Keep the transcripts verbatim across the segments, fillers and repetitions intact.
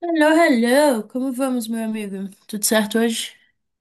Hello, hello! Como vamos, meu amigo? Tudo certo hoje?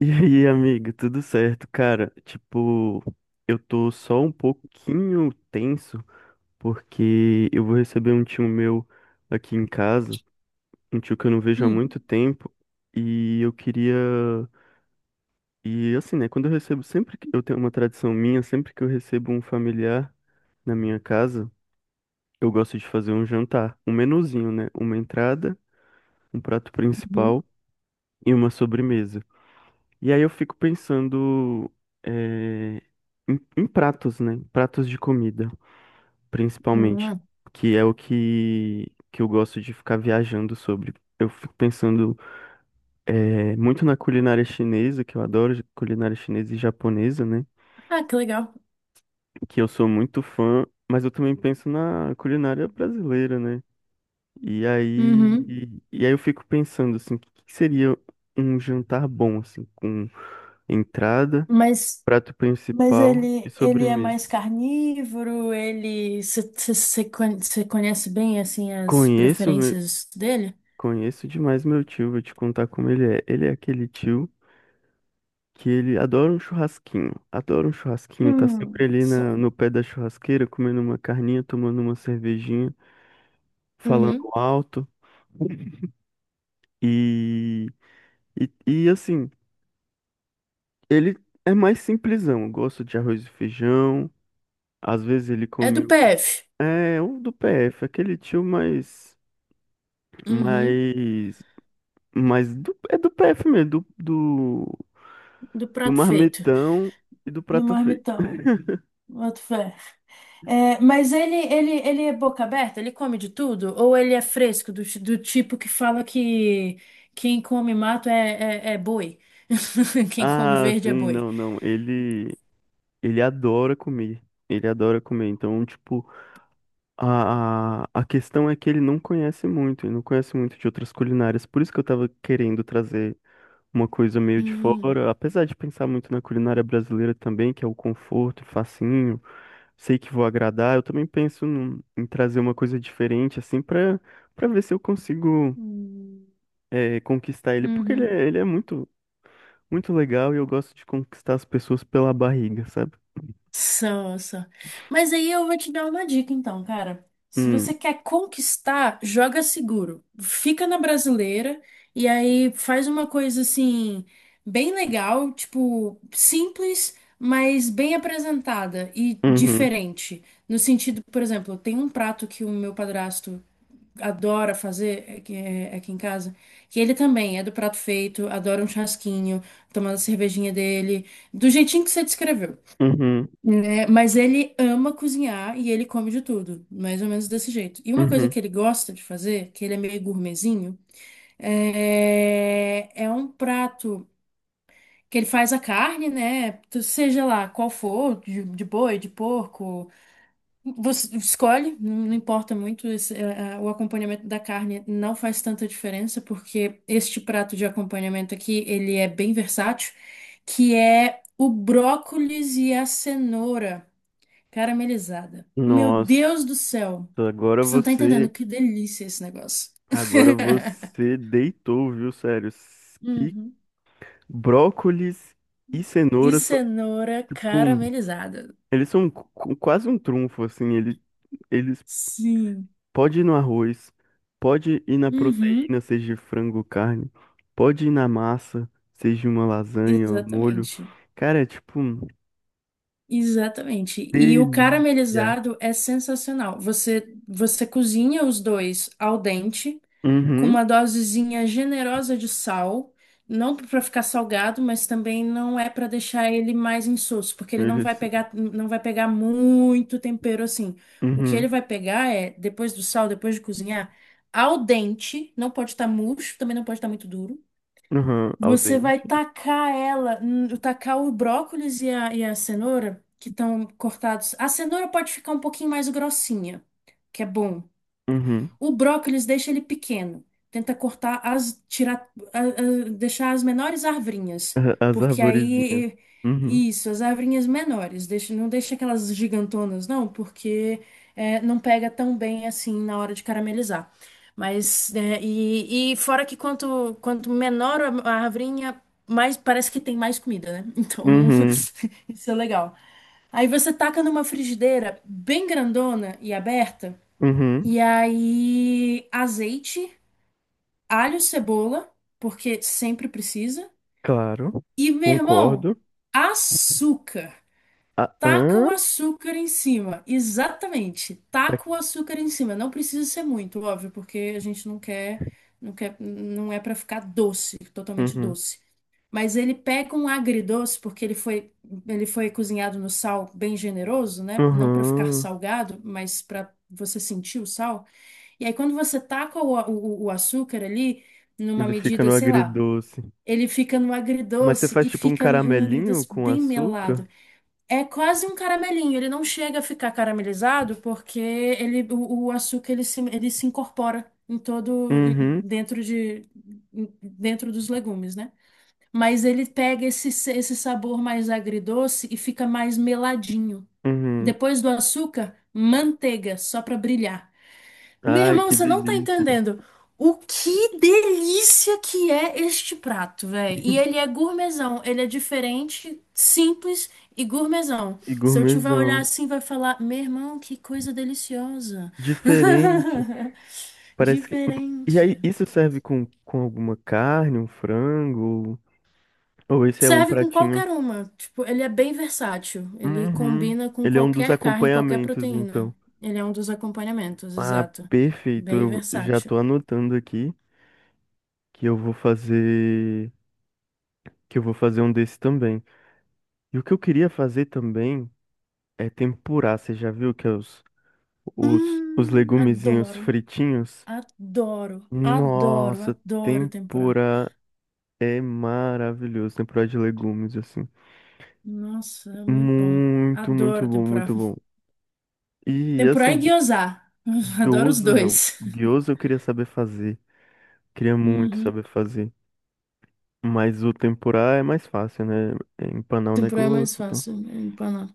E aí, amiga, tudo certo? Cara, tipo, eu tô só um pouquinho tenso porque eu vou receber um tio meu aqui em casa, um tio que eu não vejo há Hum, muito tempo, e eu queria. E assim, né, quando eu recebo, sempre que eu tenho uma tradição minha, sempre que eu recebo um familiar na minha casa, eu gosto de fazer um jantar, um menuzinho, né? Uma entrada, um prato uhum. principal e uma sobremesa. E aí eu fico pensando eh, em, em pratos, né? Pratos de comida, principalmente, Hum. que é o que, que eu gosto de ficar viajando sobre. Eu fico pensando eh, muito na culinária chinesa, que eu adoro culinária chinesa e japonesa, né? Ah, que legal. Que eu sou muito fã, mas eu também penso na culinária brasileira, né? E aí, Uhum. e aí eu fico pensando assim, o que que seria um jantar bom, assim, com entrada, Mas, prato mas principal e ele, ele é sobremesa. mais carnívoro. ele... Você conhece bem, assim, as Conheço, meu, preferências dele? conheço demais meu tio, vou te contar como ele é. Ele é aquele tio que ele adora um churrasquinho, adora um churrasquinho, tá sempre Hum, ali na, só. no pé da churrasqueira, comendo uma carninha, tomando uma cervejinha, falando Uhum. alto. E, e, e, assim, ele é mais simplesão. Gosta de arroz e feijão. Às vezes ele É do come um- P F. é, um do P F, aquele tio mais. Uhum. Mais Mas do- é do P F mesmo, do, do, Do do prato feito. marmitão e do do prato feito. marmitão. Boto fé. É, mas ele, ele, ele é boca aberta? Ele come de tudo? Ou ele é fresco, do, ti- do tipo que fala que quem come mato é, é, é boi? Quem come Ah, verde é sim, boi. não, não. Ele, ele adora comer. Ele adora comer. Então, tipo, a, a, a questão é que ele não conhece muito, ele não conhece muito de outras culinárias. Por isso que eu tava querendo trazer uma coisa meio de Hum. fora. Apesar de pensar muito na culinária brasileira também, que é o conforto, facinho, sei que vou agradar. Eu também penso num- em trazer uma coisa diferente, assim, pra, pra ver se eu consigo, Hum. é, conquistar ele, porque ele Uhum. é, ele é muito, muito legal e eu gosto de conquistar as pessoas pela barriga, sabe? São, são. Mas aí eu vou te dar uma dica, então, cara. Se Hum, você quer conquistar, joga seguro. Fica na brasileira e aí faz uma coisa assim, bem legal, tipo, simples, mas bem apresentada e uhum, diferente. No sentido, por exemplo, tem um prato que o meu padrasto adora fazer aqui, é, aqui em casa, que ele também é do prato feito, adora um chasquinho, tomando a cervejinha dele, do jeitinho que você descreveu, uhum, né? Mas ele ama cozinhar e ele come de tudo, mais ou menos desse jeito. E uma coisa uhum. que ele gosta de fazer, que ele é meio gourmetzinho, é, é um prato que ele faz a carne, né? Seja lá qual for, de, de boi, de porco, você escolhe, não não importa muito. esse- é, é, o acompanhamento da carne não faz tanta diferença, porque este prato de acompanhamento aqui, ele é bem versátil, que é o brócolis e a cenoura. Caramelizada. Meu Deus Nossa, do céu. agora Você não tá entendendo você, que delícia esse negócio. agora você deitou, viu, sério? S- Que Uhum. brócolis e E cenoura são cenoura tipo, um- caramelizada. eles são qu- quase um trunfo, assim, ele, eles Sim. pode ir no arroz, pode ir na Uhum. proteína, seja frango, ou carne, pode ir na massa, seja uma lasanha, um molho. Exatamente. Cara, é tipo, um Exatamente. E o delícia. caramelizado é sensacional. Você, você cozinha os dois al dente, com Uhum, uma dosezinha generosa de sal, não para ficar salgado, mas também não é para deixar ele mais insosso, porque ele não vai eles, pegar, não vai pegar muito tempero assim. O que uhum, ele vai pegar é, depois do sal, depois de cozinhar, al dente, não pode estar murcho, também não pode estar muito duro. uhum, al Você vai dente, tacar ela, hum, tacar o brócolis e a, e a cenoura, que estão cortados. A cenoura pode ficar um pouquinho mais grossinha, que é bom. uhum, O brócolis deixa ele pequeno. Tenta cortar as, tirar, a- a- deixar as menores arvrinhas, a- as porque arvorezinhas, aí uhum, isso, as arvrinhas menores, deixa, não deixa aquelas gigantonas, não, porque é, não pega tão bem assim na hora de caramelizar. Mas é, e, e fora que quanto quanto menor a a arvrinha, mais parece que tem mais comida, né? Então uhum, isso é legal. Aí você taca numa frigideira bem grandona e aberta. uhum, E aí, azeite, alho, cebola, porque sempre precisa. claro, E, meu irmão, concordo. açúcar. Ah, Taca o hã? açúcar em cima. Exatamente. Tá, Taca o açúcar em cima. Não precisa ser muito, óbvio, porque a gente não quer, não quer, não é pra ficar doce, totalmente uhum, doce. Mas ele pega um agridoce, porque ele foi, ele foi cozinhado no sal bem generoso, né? Não pra ficar uhum, salgado, mas pra você sentir o sal. E aí, quando você taca o, a- o, o açúcar ali, numa ele fica medida, no sei lá, agridoce. ele fica no Mas você agridoce faz e tipo um fica um caramelinho agridoce com bem açúcar? melado. É quase um caramelinho, ele não chega a ficar caramelizado porque ele, o, o açúcar ele se, ele se incorpora em todo, em- Uhum. dentro de, em- dentro dos legumes, né? Mas ele pega esse, esse sabor mais agridoce e fica mais meladinho. Uhum. Depois do açúcar, manteiga, só para brilhar. Meu Ai, irmão, que você não tá delícia. entendendo o que delícia que é este prato, velho. E ele é gourmetzão, ele é diferente, simples e gourmetzão. E Se eu tiver olhar gourmetzão. assim, vai falar: Meu irmão, que coisa deliciosa. Diferente. Parece que. E aí, Diferente. isso serve com, com alguma carne, um frango? Ou esse é um Serve com pratinho? qualquer uma. Tipo, ele é bem versátil. Ele Uhum. combina com Ele é um dos qualquer carne, qualquer acompanhamentos, proteína. então. Ele é um dos acompanhamentos, Ah, exato. perfeito. Bem Eu já versátil. tô anotando aqui que eu vou fazer. Que eu vou fazer um desse também. E o que eu queria fazer também é tempurar. Você já viu que é os, os, os Hum, legumezinhos adoro. fritinhos? Adoro, adoro, Nossa, adoro tempurá. tempura é maravilhoso. Tempura de legumes, assim. Nossa, é muito bom. Muito, muito Adoro bom, tempurá. muito bom. E, Tempurá e assim, gyoza. Adoro os gyoza não. dois. Gyoza eu queria saber fazer. Queria muito Uhum. saber fazer. Mas o tempurá é mais fácil, né? É empanar o Tempurá é mais negócio, então. fácil, é empanar.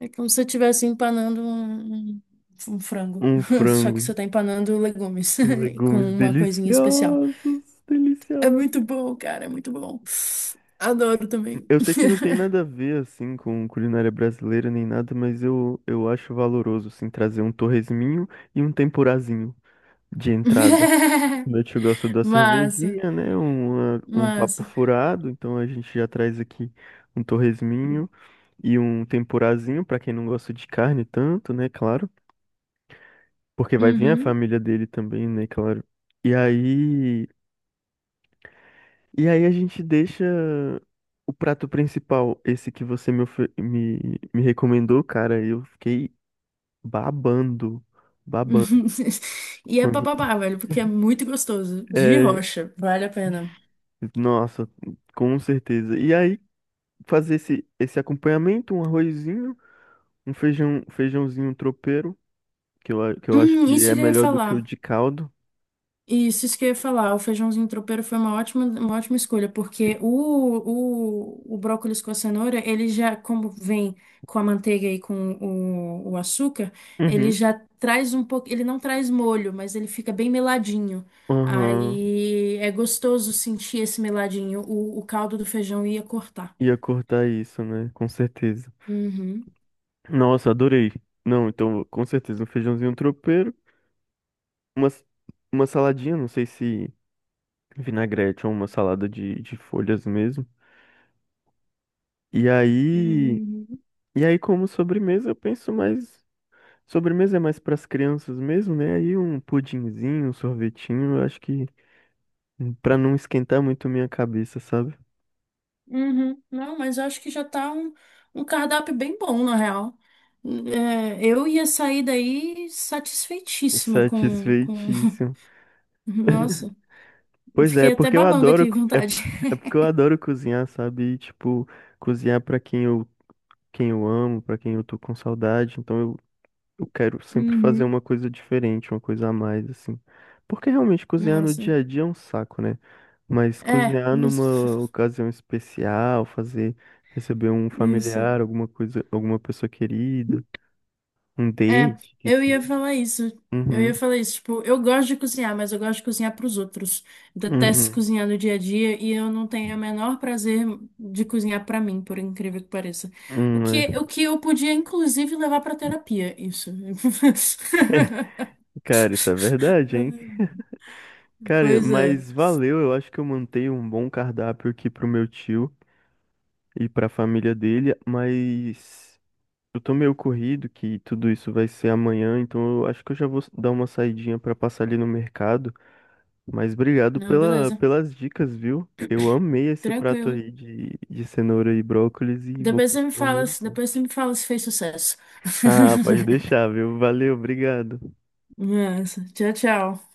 É como se você estivesse empanando um, um um frango. Um Só que frango, você tá empanando legumes com legumes uma coisinha especial. deliciosos, É deliciosos. muito bom, cara, é muito bom. Adoro também. Eu sei que não tem nada a ver, assim, com culinária brasileira nem nada, mas eu, eu acho valoroso, assim, trazer um torresminho e um tempurazinho de entrada. Como eu gosta da Massa, cervejinha, né? Um, um papo massa. furado, então a gente já traz aqui um torresminho e um tempurazinho, pra quem não gosta de carne tanto, né? Claro, porque vai vir a Uhum. família dele também, né? Claro. E aí. E aí a gente deixa o prato principal, esse que você me, ofe- me, me recomendou, cara. Eu fiquei babando, babando. E é Quando, papabá, velho, porque é muito gostoso. De é, rocha, vale a pena. nossa, com certeza. E aí fazer esse, esse acompanhamento, um arrozinho, um feijão, feijãozinho tropeiro, que eu, a- que eu acho Hum, que isso é que eu ia melhor do que o falar. de caldo. Isso, isso que eu ia falar. O feijãozinho tropeiro foi uma ótima, uma ótima escolha, porque o, o, o brócolis com a cenoura, ele já, como vem com a manteiga e com o, o açúcar, ele Uhum. já traz um pouco. Ele não traz molho, mas ele fica bem meladinho. Aham, Aí é gostoso sentir esse meladinho. O, o caldo do feijão ia cortar. ia cortar isso, né? Com certeza. Uhum. Nossa, adorei. Não, então, com certeza, um feijãozinho tropeiro. Uma, s- uma saladinha, não sei se vinagrete ou uma salada de, de folhas mesmo. E aí, Uhum. e aí como sobremesa, eu penso mais. Sobremesa é mais para as crianças mesmo, né? Aí um pudinzinho, um sorvetinho, eu acho que para não esquentar muito minha cabeça, sabe? Uhum. Não, mas eu acho que já tá um, um cardápio bem bom, na real. É, eu ia sair daí É satisfeitíssima com, com... satisfeitíssimo. Nossa, eu Pois é, é fiquei até porque eu babando adoro, aqui, co- é, p- vontade. é porque eu adoro cozinhar, sabe? E, tipo, cozinhar para quem eu, quem eu amo, para quem eu tô com saudade. Então eu quero sempre fazer Uhum. uma coisa diferente, uma coisa a mais, assim. Porque realmente cozinhar no Nossa. dia a dia é um saco, né? Mas É, cozinhar isso. numa ocasião especial, fazer, receber um Isso. familiar, alguma coisa, alguma pessoa querida, um É, date, que eu ia seja. falar isso. Eu Uhum, ia falar isso. Tipo, eu gosto de cozinhar, mas eu gosto de cozinhar para os outros. Detesto uhum. cozinhar no dia a dia e eu não tenho o menor prazer de cozinhar para mim, por incrível que pareça. O Hum, que, é. o que eu podia, inclusive, levar para terapia, isso. Cara, isso é verdade, hein? Cara, Pois é. mas valeu, eu acho que eu mantenho um bom cardápio aqui pro meu tio e pra família dele, mas eu tô meio corrido que tudo isso vai ser amanhã, então eu acho que eu já vou dar uma saidinha pra passar ali no mercado. Mas obrigado Não, pela, beleza. pelas dicas, viu? Eu amei esse prato Tranquilo. aí de, de cenoura e brócolis e vou Depois você me comprar fala, se- muito. depois você me fala se fez sucesso. Ah, pode deixar, viu? Valeu, obrigado. Nossa, tchau, tchau.